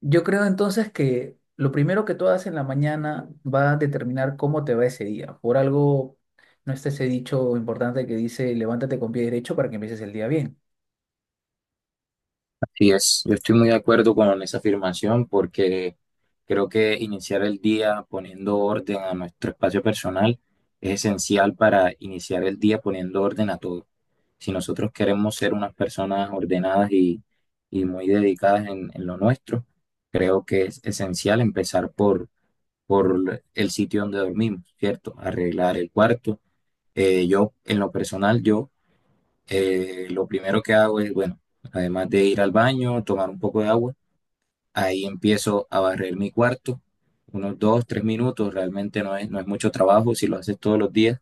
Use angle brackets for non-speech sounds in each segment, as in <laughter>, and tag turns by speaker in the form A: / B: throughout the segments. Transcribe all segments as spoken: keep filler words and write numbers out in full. A: Yo creo entonces que lo primero que tú hagas en la mañana va a determinar cómo te va ese día. Por algo no está ese dicho importante que dice levántate con pie derecho para que empieces el día bien.
B: Sí, es, yo estoy muy de acuerdo con esa afirmación porque creo que iniciar el día poniendo orden a nuestro espacio personal es esencial para iniciar el día poniendo orden a todo. Si nosotros queremos ser unas personas ordenadas y, y muy dedicadas en, en lo nuestro, creo que es esencial empezar por, por el sitio donde dormimos, ¿cierto? Arreglar el cuarto. Eh, yo, en lo personal, yo eh, lo primero que hago es, bueno, además de ir al baño, tomar un poco de agua, ahí empiezo a barrer mi cuarto, unos dos, tres minutos, realmente no es, no es mucho trabajo si lo haces todos los días,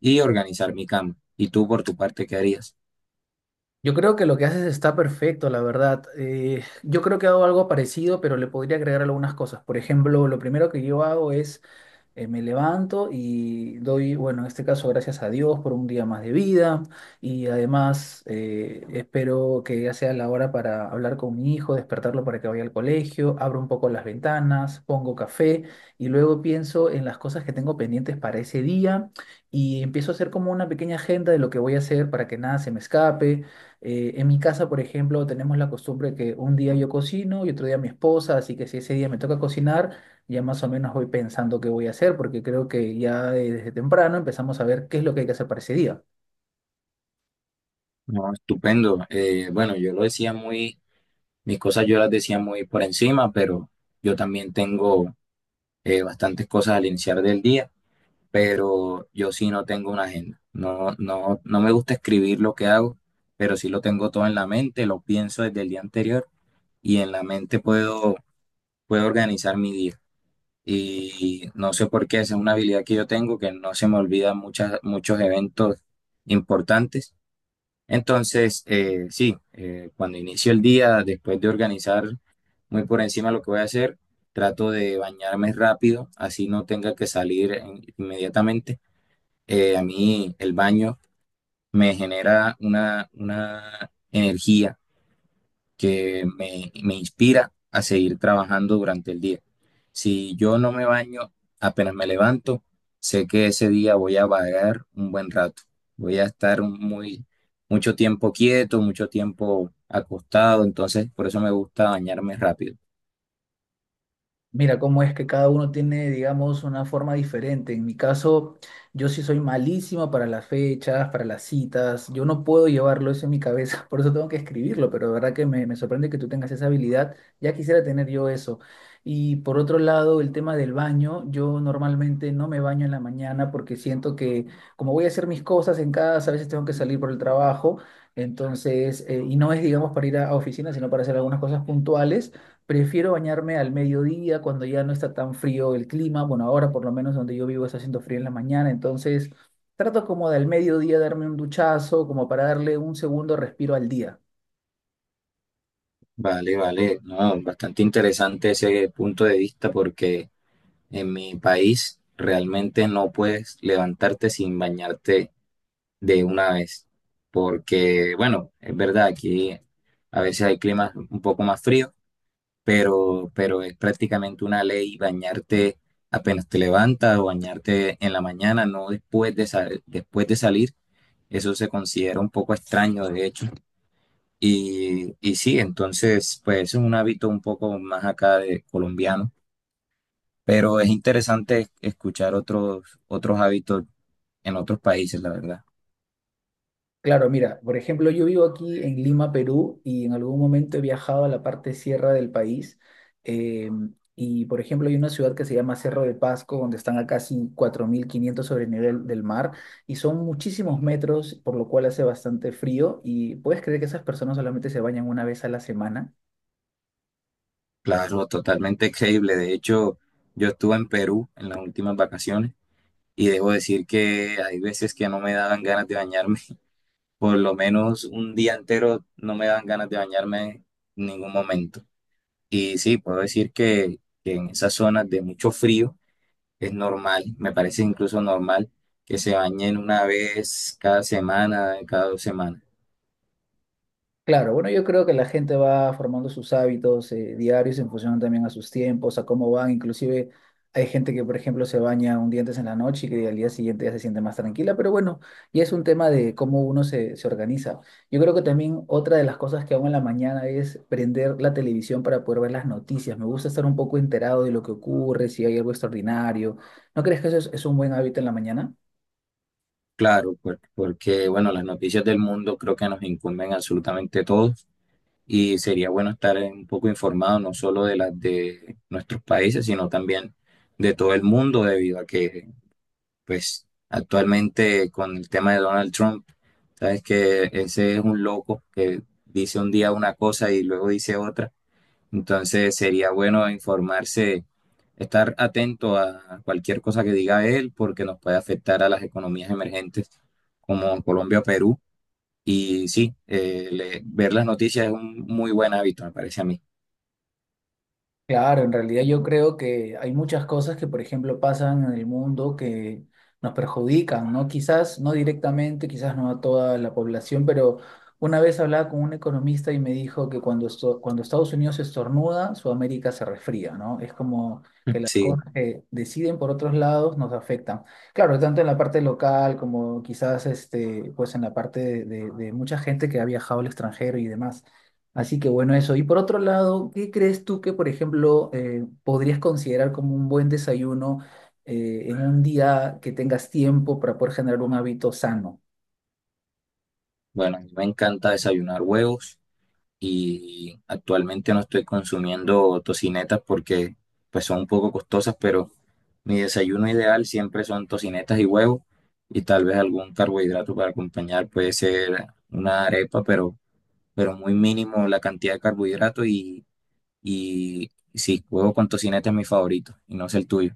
B: y organizar mi cama. ¿Y tú por tu parte qué harías?
A: Yo creo que lo que haces está perfecto, la verdad. Eh, yo creo que hago algo parecido, pero le podría agregar algunas cosas. Por ejemplo, lo primero que yo hago es eh, me levanto y doy, bueno, en este caso, gracias a Dios por un día más de vida y además eh, espero que ya sea la hora para hablar con mi hijo, despertarlo para que vaya al colegio, abro un poco las ventanas, pongo café y luego pienso en las cosas que tengo pendientes para ese día y empiezo a hacer como una pequeña agenda de lo que voy a hacer para que nada se me escape. Eh, en mi casa, por ejemplo, tenemos la costumbre que un día yo cocino y otro día mi esposa, así que si ese día me toca cocinar, ya más o menos voy pensando qué voy a hacer, porque creo que ya desde temprano empezamos a ver qué es lo que hay que hacer para ese día.
B: No, estupendo. Eh, bueno, yo lo decía muy, mis cosas yo las decía muy por encima, pero yo también tengo eh, bastantes cosas al iniciar del día. Pero yo sí no tengo una agenda. No, no, no me gusta escribir lo que hago, pero sí lo tengo todo en la mente, lo pienso desde el día anterior y en la mente puedo, puedo organizar mi día. Y no sé por qué, esa es una habilidad que yo tengo, que no se me olvida muchas, muchos eventos importantes. Entonces, eh, sí, eh, cuando inicio el día, después de organizar muy por encima lo que voy a hacer, trato de bañarme rápido, así no tenga que salir eh, inmediatamente. Eh, a mí el baño me genera una, una energía que me, me inspira a seguir trabajando durante el día. Si yo no me baño, apenas me levanto, sé que ese día voy a vagar un buen rato. Voy a estar muy, mucho tiempo quieto, mucho tiempo acostado, entonces por eso me gusta bañarme rápido.
A: Mira cómo es que cada uno tiene, digamos, una forma diferente. En mi caso, yo sí soy malísimo para las fechas, para las citas. Yo no puedo llevarlo eso en mi cabeza, <laughs> por eso tengo que escribirlo, pero de verdad que me, me sorprende que tú tengas esa habilidad. Ya quisiera tener yo eso. Y por otro lado, el tema del baño. Yo normalmente no me baño en la mañana porque siento que como voy a hacer mis cosas en casa, a veces tengo que salir por el trabajo. Entonces, eh, y no es, digamos, para ir a a oficina, sino para hacer algunas cosas puntuales. Prefiero bañarme al mediodía cuando ya no está tan frío el clima. Bueno, ahora por lo menos donde yo vivo está haciendo frío en la mañana, entonces trato como de al mediodía darme un duchazo, como para darle un segundo respiro al día.
B: Vale, vale, no, bastante interesante ese punto de vista porque en mi país realmente no puedes levantarte sin bañarte de una vez, porque bueno, es verdad, aquí a veces hay climas un poco más fríos, pero, pero es prácticamente una ley bañarte apenas te levantas o bañarte en la mañana, no después de, sa- después de salir. Eso se considera un poco extraño, de hecho. Y, y sí, entonces, pues es un hábito un poco más acá de colombiano, pero es interesante escuchar otros, otros hábitos en otros países, la verdad.
A: Claro, mira, por ejemplo, yo vivo aquí en Lima, Perú, y en algún momento he viajado a la parte sierra del país. eh, y, por ejemplo, hay una ciudad que se llama Cerro de Pasco, donde están a casi cuatro mil quinientos sobre el nivel del mar, y son muchísimos metros, por lo cual hace bastante frío, y puedes creer que esas personas solamente se bañan una vez a la semana.
B: Claro, totalmente creíble. De hecho, yo estuve en Perú en las últimas vacaciones y debo decir que hay veces que no me daban ganas de bañarme. <laughs> Por lo menos un día entero no me daban ganas de bañarme en ningún momento. Y sí, puedo decir que, que en esas zonas de mucho frío es normal, me parece incluso normal que se bañen una vez cada semana, cada dos semanas.
A: Claro, bueno, yo creo que la gente va formando sus hábitos eh, diarios en función también a sus tiempos, a cómo van. Inclusive hay gente que, por ejemplo, se baña un día antes en la noche y que al día siguiente ya se siente más tranquila, pero bueno, ya es un tema de cómo uno se, se organiza. Yo creo que también otra de las cosas que hago en la mañana es prender la televisión para poder ver las noticias. Me gusta estar un poco enterado de lo que ocurre, si hay algo extraordinario. ¿No crees que eso es es un buen hábito en la mañana?
B: Claro, por- porque bueno, las noticias del mundo creo que nos incumben absolutamente a todos y sería bueno estar eh, un poco informado no solo de las de nuestros países, sino también de todo el mundo debido a que pues actualmente con el tema de Donald Trump, sabes que ese es un loco que dice un día una cosa y luego dice otra, entonces sería bueno informarse, estar atento a cualquier cosa que diga él porque nos puede afectar a las economías emergentes como Colombia o Perú. Y sí, eh, le- ver las noticias es un muy buen hábito, me parece a mí.
A: Claro, en realidad yo creo que hay muchas cosas que, por ejemplo, pasan en el mundo que nos perjudican, ¿no? Quizás no directamente, quizás no a toda la población, pero una vez hablaba con un economista y me dijo que cuando, esto- cuando Estados Unidos estornuda, Sudamérica se resfría, ¿no? Es como que
B: <laughs>
A: las
B: Sí,
A: cosas que deciden por otros lados nos afectan. Claro, tanto en la parte local como quizás este, pues en la parte de, de de mucha gente que ha viajado al extranjero y demás. Así que bueno, eso. Y por otro lado, ¿qué crees tú que, por ejemplo, eh, podrías considerar como un buen desayuno eh, en un día que tengas tiempo para poder generar un hábito sano?
B: bueno, a mí me encanta desayunar huevos y actualmente no estoy consumiendo tocinetas porque pues son un poco costosas, pero mi desayuno ideal siempre son tocinetas y huevo y tal vez algún carbohidrato para acompañar, puede ser una arepa, pero, pero muy mínimo la cantidad de carbohidrato y, y sí, huevo con tocineta es mi favorito y no es el tuyo.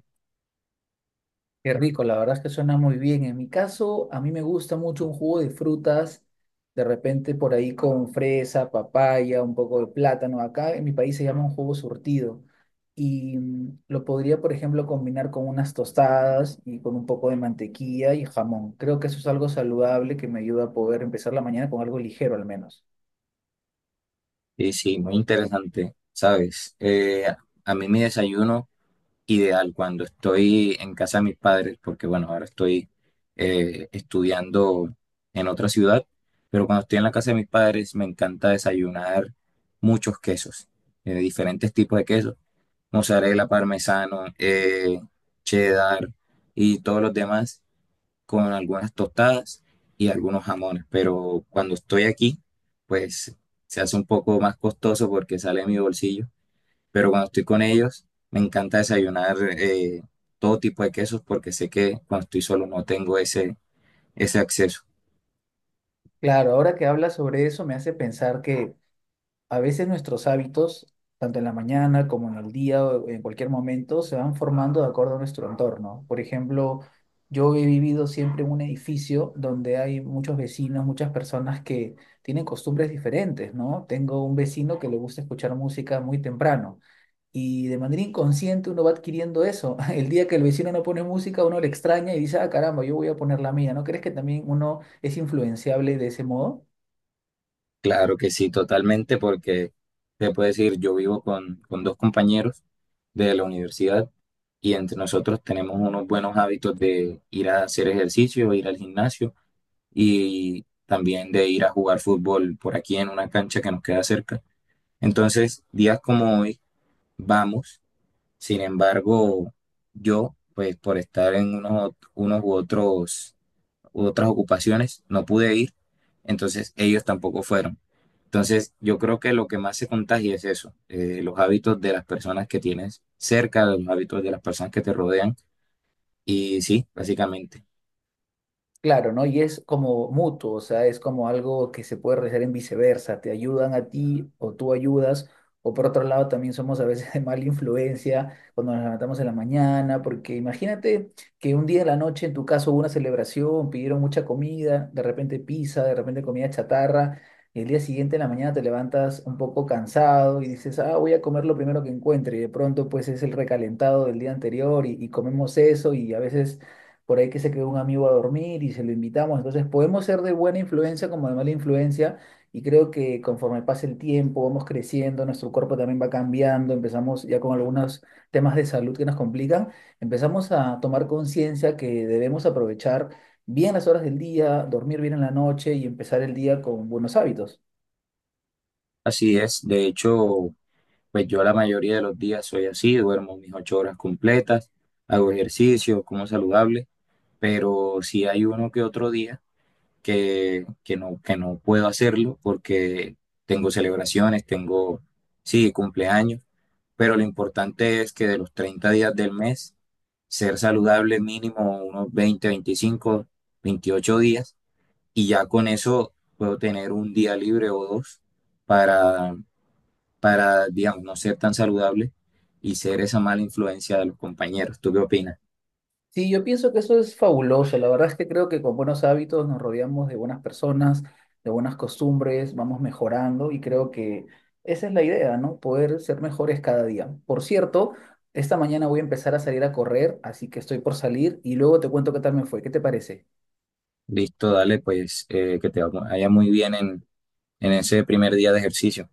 A: Qué rico, la verdad es que suena muy bien. En mi caso, a mí me gusta mucho un jugo de frutas, de repente por ahí con fresa, papaya, un poco de plátano. Acá en mi país se llama un jugo surtido y mm, lo podría, por ejemplo, combinar con unas tostadas y con un poco de mantequilla y jamón. Creo que eso es algo saludable que me ayuda a poder empezar la mañana con algo ligero al menos.
B: Y sí, muy interesante, ¿sabes? Eh, a mí mi desayuno ideal cuando estoy en casa de mis padres, porque bueno, ahora estoy eh, estudiando en otra ciudad, pero cuando estoy en la casa de mis padres me encanta desayunar muchos quesos, eh, diferentes tipos de quesos, mozzarella, parmesano, eh, cheddar y todos los demás con algunas tostadas y algunos jamones, pero cuando estoy aquí, pues se hace un poco más costoso porque sale de mi bolsillo, pero cuando estoy con ellos me encanta desayunar eh, todo tipo de quesos porque sé que cuando estoy solo no tengo ese, ese acceso.
A: Claro, ahora que hablas sobre eso me hace pensar que a veces nuestros hábitos, tanto en la mañana como en el día o en cualquier momento, se van formando de acuerdo a nuestro entorno. Por ejemplo, yo he vivido siempre en un edificio donde hay muchos vecinos, muchas personas que tienen costumbres diferentes, ¿no? Tengo un vecino que le gusta escuchar música muy temprano y de manera inconsciente uno va adquiriendo eso. <laughs> El día que el vecino no pone música, uno le extraña y dice, ah, caramba, yo voy a poner la mía. ¿No crees que también uno es influenciable de ese modo?
B: Claro que sí, totalmente, porque te puedo decir, yo vivo con, con dos compañeros de la universidad y entre nosotros tenemos unos buenos hábitos de ir a hacer ejercicio, ir al gimnasio y también de ir a jugar fútbol por aquí en una cancha que nos queda cerca. Entonces, días como hoy, vamos. Sin embargo, yo, pues por estar en unos, unos u otros, u otras ocupaciones, no pude ir, entonces ellos tampoco fueron. Entonces, yo creo que lo que más se contagia es eso, eh, los hábitos de las personas que tienes cerca, los hábitos de las personas que te rodean, y sí, básicamente.
A: Claro, ¿no? Y es como mutuo, o sea, es como algo que se puede realizar en viceversa, te ayudan a ti o tú ayudas, o por otro lado también somos a veces <laughs> de mala influencia cuando nos levantamos en la mañana, porque imagínate que un día en la noche en tu caso hubo una celebración, pidieron mucha comida, de repente pizza, de repente comida chatarra, y el día siguiente en la mañana te levantas un poco cansado y dices, ah, voy a comer lo primero que encuentre, y de pronto pues es el recalentado del día anterior y, y comemos eso y a veces por ahí que se quedó un amigo a dormir y se lo invitamos. Entonces podemos ser de buena influencia como de mala influencia y creo que conforme pase el tiempo, vamos creciendo, nuestro cuerpo también va cambiando, empezamos ya con algunos temas de salud que nos complican, empezamos a tomar conciencia que debemos aprovechar bien las horas del día, dormir bien en la noche y empezar el día con buenos hábitos.
B: Así es, de hecho, pues yo la mayoría de los días soy así, duermo mis ocho horas completas, hago ejercicio, como saludable, pero si hay uno que otro día que, que no, que no puedo hacerlo porque tengo celebraciones, tengo, sí, cumpleaños, pero lo importante es que de los treinta días del mes, ser saludable mínimo unos veinte veinticinco veintiocho días y ya con eso puedo tener un día libre o dos para, para digamos, no ser tan saludable y ser esa mala influencia de los compañeros. ¿Tú qué opinas?
A: Sí, yo pienso que eso es fabuloso. La verdad es que creo que con buenos hábitos nos rodeamos de buenas personas, de buenas costumbres, vamos mejorando y creo que esa es la idea, ¿no? Poder ser mejores cada día. Por cierto, esta mañana voy a empezar a salir a correr, así que estoy por salir y luego te cuento qué tal me fue. ¿Qué te parece?
B: Listo, dale, pues eh, que te vaya muy bien en, en ese primer día de ejercicio.